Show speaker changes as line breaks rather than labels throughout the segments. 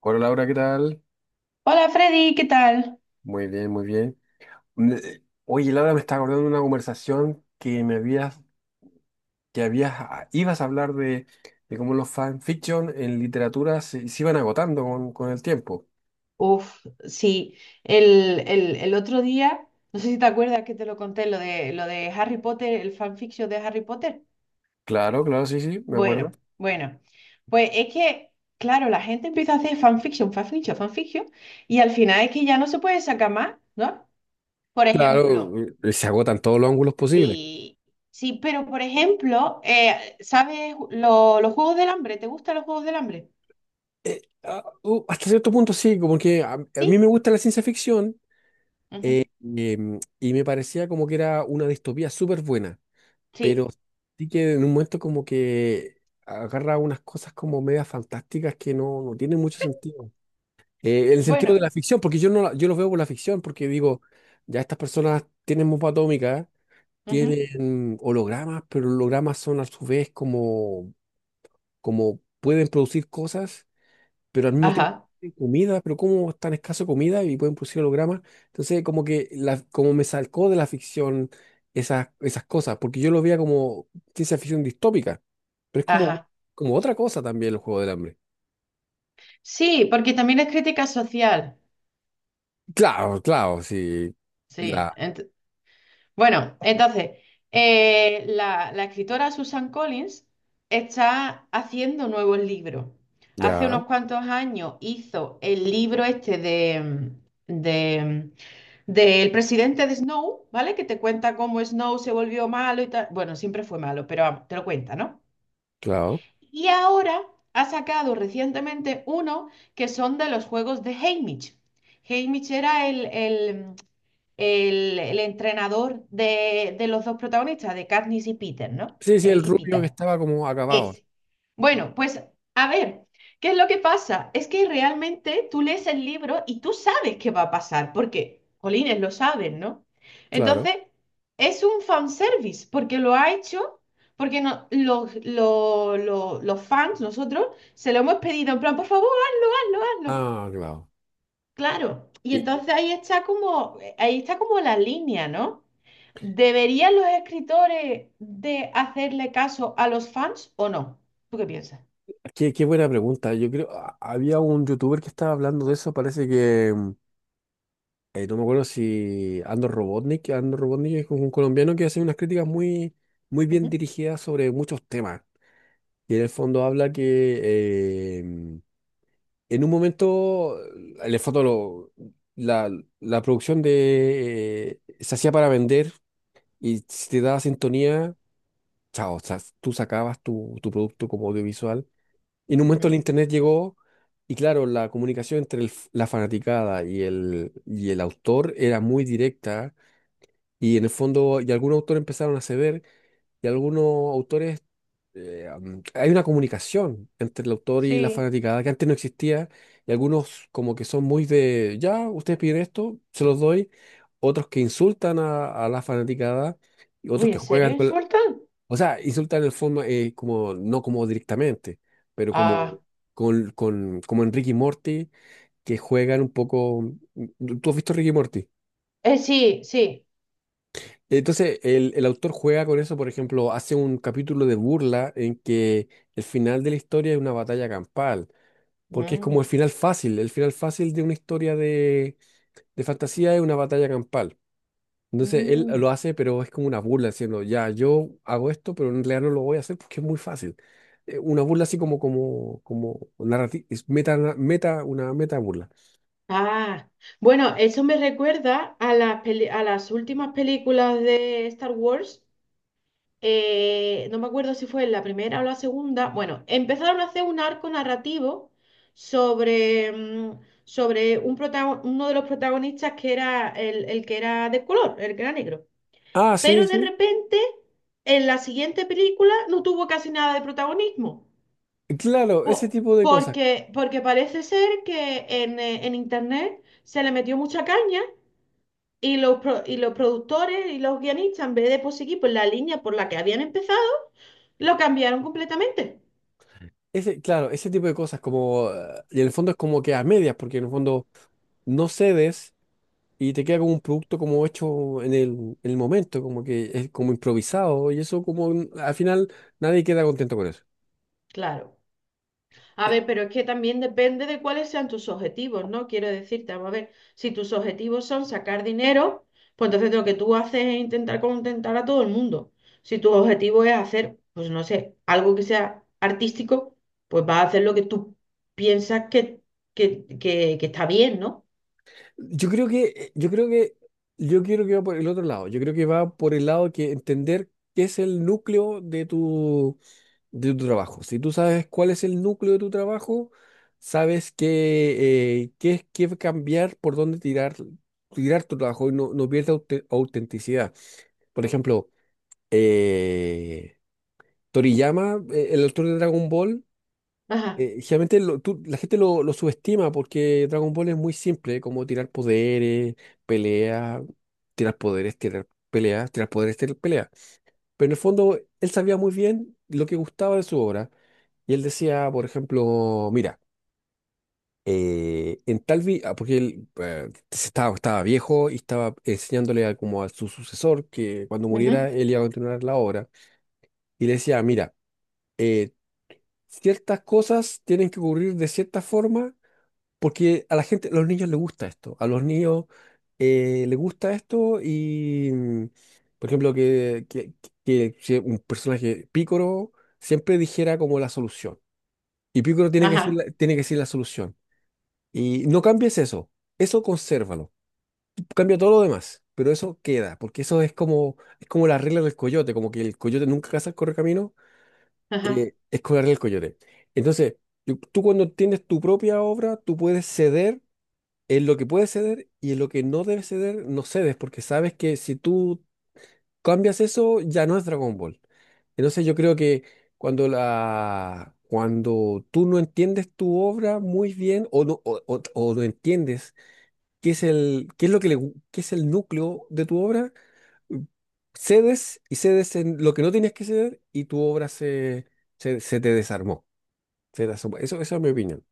Hola Laura, ¿qué tal?
Hola Freddy, ¿qué tal?
Muy bien, muy bien. Me- Oye, Laura, me está acordando de una conversación que habías, ibas a hablar de cómo los fanfiction en literatura se iban agotando con el tiempo.
Uf, sí, el otro día, no sé si te acuerdas que te lo conté, lo de Harry Potter, el fanfiction de Harry Potter.
Claro, claro, sí, sí, me acuerdo.
Bueno, pues es que, claro, la gente empieza a hacer fanfiction, y al final es que ya no se puede sacar más, ¿no? Por
Claro,
ejemplo,
se agotan todos los ángulos posibles.
sí, sí, pero por ejemplo, ¿sabes los Juegos del Hambre? ¿Te gustan los Juegos del Hambre?
Hasta cierto punto sí, como que a mí
Sí,
me gusta la ciencia ficción
ujú.
eh, y me parecía como que era una distopía súper buena.
Sí,
Pero sí que en un momento como que agarra unas cosas como medias fantásticas que no tienen mucho sentido. En el sentido de
bueno,
la ficción, porque yo no la- yo los veo por la ficción, porque digo, ya estas personas tienen bomba atómica,
ujú.
tienen hologramas, pero hologramas son a su vez como pueden producir cosas pero al mismo tiempo
Ajá.
tienen comida, pero cómo es tan escaso comida y pueden producir hologramas. Entonces, como que como me salcó de la ficción esas cosas, porque yo lo veía como ciencia ficción distópica, pero es como,
Ajá.
como otra cosa también el Juego del Hambre.
Sí, porque también es crítica social.
Claro, claro, sí.
Sí.
La,
Entonces, la escritora Susan Collins está haciendo nuevos libros. Hace
ya,
unos cuantos años hizo el libro este de, del presidente de Snow, ¿vale? Que te cuenta cómo Snow se volvió malo y tal. Bueno, siempre fue malo, pero vamos, te lo cuenta, ¿no?
claro.
Y ahora ha sacado recientemente uno que son de los juegos de Haymitch. Haymitch era el entrenador de los dos protagonistas, de Katniss y Peter, ¿no?
Sí, sí, el
Y
rubio que
Pita.
estaba como acabado,
Ese. Bueno, pues a ver, ¿qué es lo que pasa? Es que realmente tú lees el libro y tú sabes qué va a pasar, porque Colines lo saben, ¿no?
claro.
Entonces, es un fanservice, porque lo ha hecho, porque no, los fans, nosotros, se lo hemos pedido en plan, por favor, hazlo.
Ah, claro.
Claro. Y
Y-
entonces ahí está como la línea, ¿no? ¿Deberían los escritores de hacerle caso a los fans o no? ¿Tú qué piensas?
qué buena pregunta. Yo creo, había un youtuber que estaba hablando de eso, parece que. No me acuerdo si Andor Robotnik es un colombiano que hace unas críticas muy, muy bien dirigidas sobre muchos temas. Y en el fondo habla que en un momento, en el fondo la, la producción se hacía para vender y si te daba sintonía, chao, o sea, tú sacabas tu producto como audiovisual. Y en un momento el
Ujú.
internet llegó y claro, la comunicación entre la fanaticada y y el autor era muy directa. Y en el fondo, y algunos autores empezaron a ceder, y algunos autores, hay una comunicación entre el autor y la
Sí.
fanaticada que antes no existía, y algunos como que son muy de, ya, ustedes piden esto, se los doy, otros que insultan a la fanaticada, y otros
Uy,
que
¿en serio
juegan
insultan?
o sea, insultan en forma, como, no como directamente, pero
Ah,
como en Ricky Morty, que juegan un poco, ¿tú has visto Ricky Morty?
sí, sí.
Entonces, el autor juega con eso, por ejemplo, hace un capítulo de burla en que el final de la historia es una batalla campal, porque es como
Mm,
el final fácil de una historia de fantasía es una batalla campal. Entonces, él lo
mm.
hace, pero es como una burla, diciendo, ya, yo hago esto, pero en realidad no lo voy a hacer porque es muy fácil. Una burla así como narrativa, una meta burla.
Ah, bueno, eso me recuerda a las a las últimas películas de Star Wars. No me acuerdo si fue en la primera o la segunda. Bueno, empezaron a hacer un arco narrativo sobre, sobre un uno de los protagonistas que era el que era de color, el que era negro.
Ah, sí,
Pero de
sí.
repente, en la siguiente película no tuvo casi nada de protagonismo.
Claro, ese tipo de cosas.
Porque parece ser que en internet se le metió mucha caña y los productores y los guionistas, en vez de pues, seguir por la línea por la que habían empezado, lo cambiaron completamente.
Claro, ese tipo de cosas y en el fondo es como que a medias, porque en el fondo no cedes y te queda como un producto como hecho en el momento, como que es como improvisado y eso al final nadie queda contento con eso.
Claro. A
Eh,
ver, pero es que también depende de cuáles sean tus objetivos, ¿no? Quiero decirte, vamos a ver, si tus objetivos son sacar dinero, pues entonces lo que tú haces es intentar contentar a todo el mundo. Si tu objetivo es hacer, pues no sé, algo que sea artístico, pues vas a hacer lo que tú piensas que está bien, ¿no?
Yo creo que, eh, yo creo que, yo quiero que va por el otro lado, yo creo que va por el lado que entender qué es el núcleo de tu trabajo. Si tú sabes cuál es el núcleo de tu trabajo, sabes qué cambiar, por dónde tirar, tu trabajo y no pierdas autenticidad. Por ejemplo, eh, Toriyama, el autor de Dragon Ball,
Ajá,
generalmente la gente lo subestima porque Dragon Ball es muy simple, como tirar poderes, peleas, tirar poderes, tirar peleas, tirar poderes, tirar peleas. Pero en el fondo, él sabía muy bien lo que gustaba de su obra. Y él decía, por ejemplo, mira, en tal vi- ah, porque él estaba viejo y estaba enseñándole como a su sucesor que cuando
ujú,
muriera él iba a continuar la obra. Y le decía, mira, eh, ciertas cosas tienen que ocurrir de cierta forma. Porque a la gente, a los niños les gusta esto, a los niños les gusta esto y, por ejemplo, que si un personaje, Pícoro, siempre dijera como la solución. Y Pícoro tiene que decir la,
ajá,
tiene que decir la solución. Y no cambies eso, eso consérvalo. Cambia todo lo demás, pero eso queda, porque eso es como la regla del coyote, como que el coyote nunca caza el correcamino,
ajá.
es con la regla del coyote. Entonces, tú cuando tienes tu propia obra, tú puedes ceder en lo que puedes ceder y en lo que no debes ceder, no cedes, porque sabes que si tú cambias eso, ya no es Dragon Ball. Entonces yo creo que cuando tú no entiendes tu obra muy bien o no entiendes qué es lo que le gu- qué es el núcleo de tu obra, cedes y cedes en lo que no tienes que ceder y tu obra se te desarmó. Se desarmó. Eso es mi opinión.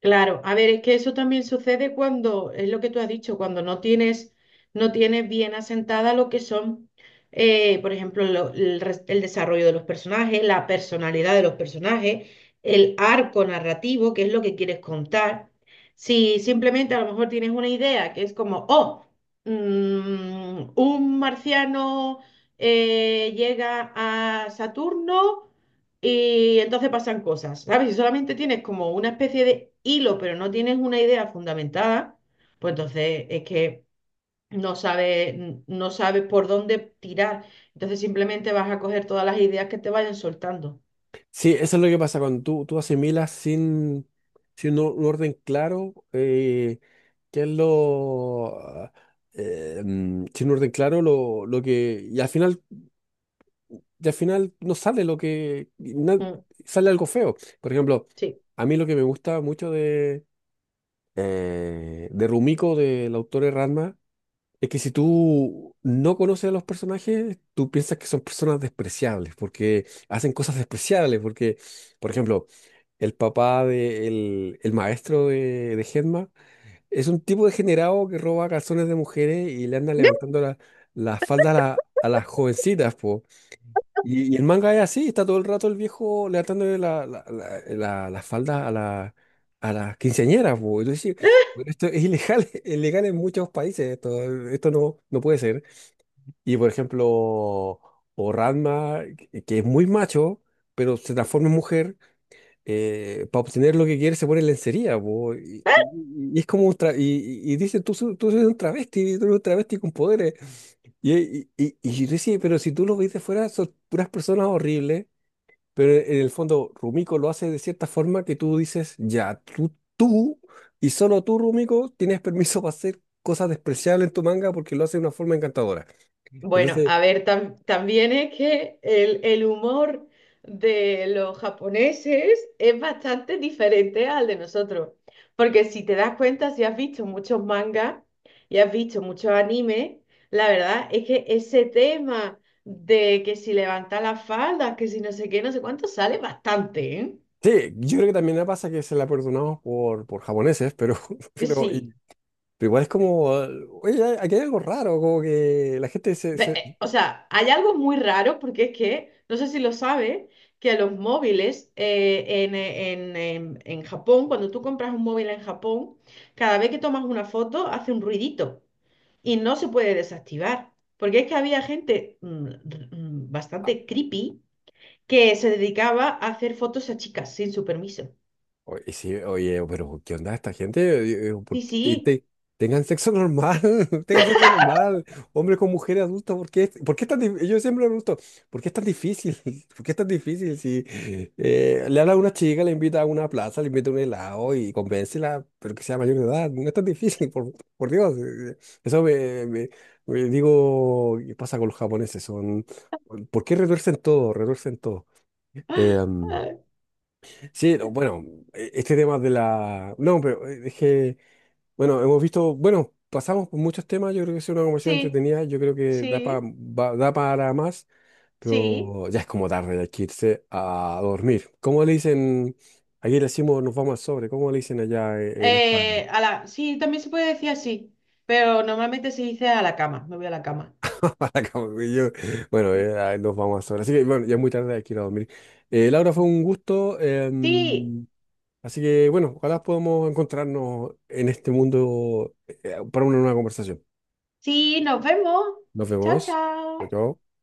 Claro, a ver, es que eso también sucede cuando, es lo que tú has dicho, cuando no tienes bien asentada lo que son, por ejemplo, el desarrollo de los personajes, la personalidad de los personajes, el arco narrativo, que es lo que quieres contar. Si simplemente a lo mejor tienes una idea que es como, oh, un marciano llega a Saturno y entonces pasan cosas, ¿sabes? Si solamente tienes como una especie de hilo, pero no tienes una idea fundamentada, pues entonces es que no sabes por dónde tirar. Entonces simplemente vas a coger todas las ideas que te vayan soltando.
Sí, eso es lo que pasa cuando tú asimilas sin un orden claro, qué es lo ah, mm, sin un orden claro lo que y al final no sale
Mm,
sale algo feo. Por ejemplo,
sí.
a mí lo que me gusta mucho de Rumiko, del autor de Ranma, es que si tú no conoces a los personajes, tú piensas que son personas despreciables, porque hacen cosas despreciables, porque, por ejemplo, el papá de el maestro de Genma es un tipo degenerado que roba calzones de mujeres y le anda levantando la, falda a las jovencitas, po. Y el manga es así, está todo el rato el viejo levantándole la falda a las quinceañeras, po. Y tú decís, pero esto es ilegal, es ilegal en muchos países, esto no puede ser. Y por ejemplo, o Ranma, que es muy macho, pero se transforma en mujer, para obtener lo que quiere se pone lencería, po. Y es como y dicen, tú eres un travesti, tú eres un travesti con poderes. Y yo decía, pero si tú lo ves de fuera, son puras personas horribles. Pero en el fondo, Rumiko lo hace de cierta forma que tú dices, ya, tú y solo tú, Rumiko, tienes permiso para hacer cosas despreciables en tu manga porque lo hace de una forma encantadora.
Bueno,
Entonces,
a ver, también es que el humor de los japoneses es bastante diferente al de nosotros. Porque si te das cuenta, si has visto muchos mangas y has visto muchos animes, la verdad es que ese tema de que si levanta las faldas, que si no sé qué, no sé cuánto, sale bastante, ¿eh?
sí, yo creo que también me pasa que se la perdonamos por japoneses, pero, pero, y-
Sí,
pero igual es como, oye, aquí hay algo raro, como que la gente se, se-
O sea, hay algo muy raro porque es que, no sé si lo sabes, que los móviles en Japón, cuando tú compras un móvil en Japón, cada vez que tomas una foto hace un ruidito y no se puede desactivar. Porque es que había gente bastante creepy que se dedicaba a hacer fotos a chicas sin su permiso.
Oye, sí, oye, pero ¿qué onda esta gente? ¿Por
Sí,
qué
sí.
tengan sexo normal, tengan sexo normal, hombres con mujeres adultas? ¿Por qué es tan difícil? Yo siempre me pregunto, ¿por qué es tan difícil? ¿Por qué es tan difícil si le habla a una chica, le invita a una plaza, le invita a un helado y convéncela, pero que sea mayor de edad? No es tan difícil, por Dios. Eso me digo, ¿qué pasa con los japoneses? Son, ¿por qué retuercen todo? Retuercen todo. Em, Sí, no, bueno, este tema No, pero es que, bueno, hemos visto, bueno, pasamos por muchos temas, yo creo que es una conversación
Sí,
entretenida, yo creo que da, pa-
sí,
va- da para más,
sí.
pero ya es como tarde, hay que irse a dormir. ¿Cómo le dicen? Aquí le decimos nos vamos al sobre, ¿cómo le dicen allá en España?
A la, sí, también se puede decir así, pero normalmente se dice a la cama, me voy a la cama.
Para Como que yo- Bueno, nos vamos al sobre. Así que, bueno, ya es muy tarde, hay que ir a dormir. Laura, fue un gusto.
Sí,
Así que bueno, ojalá podamos encontrarnos en este mundo para una nueva conversación.
sí, nos vemos.
Nos
Chao,
vemos.
chao.
Chao. Chao.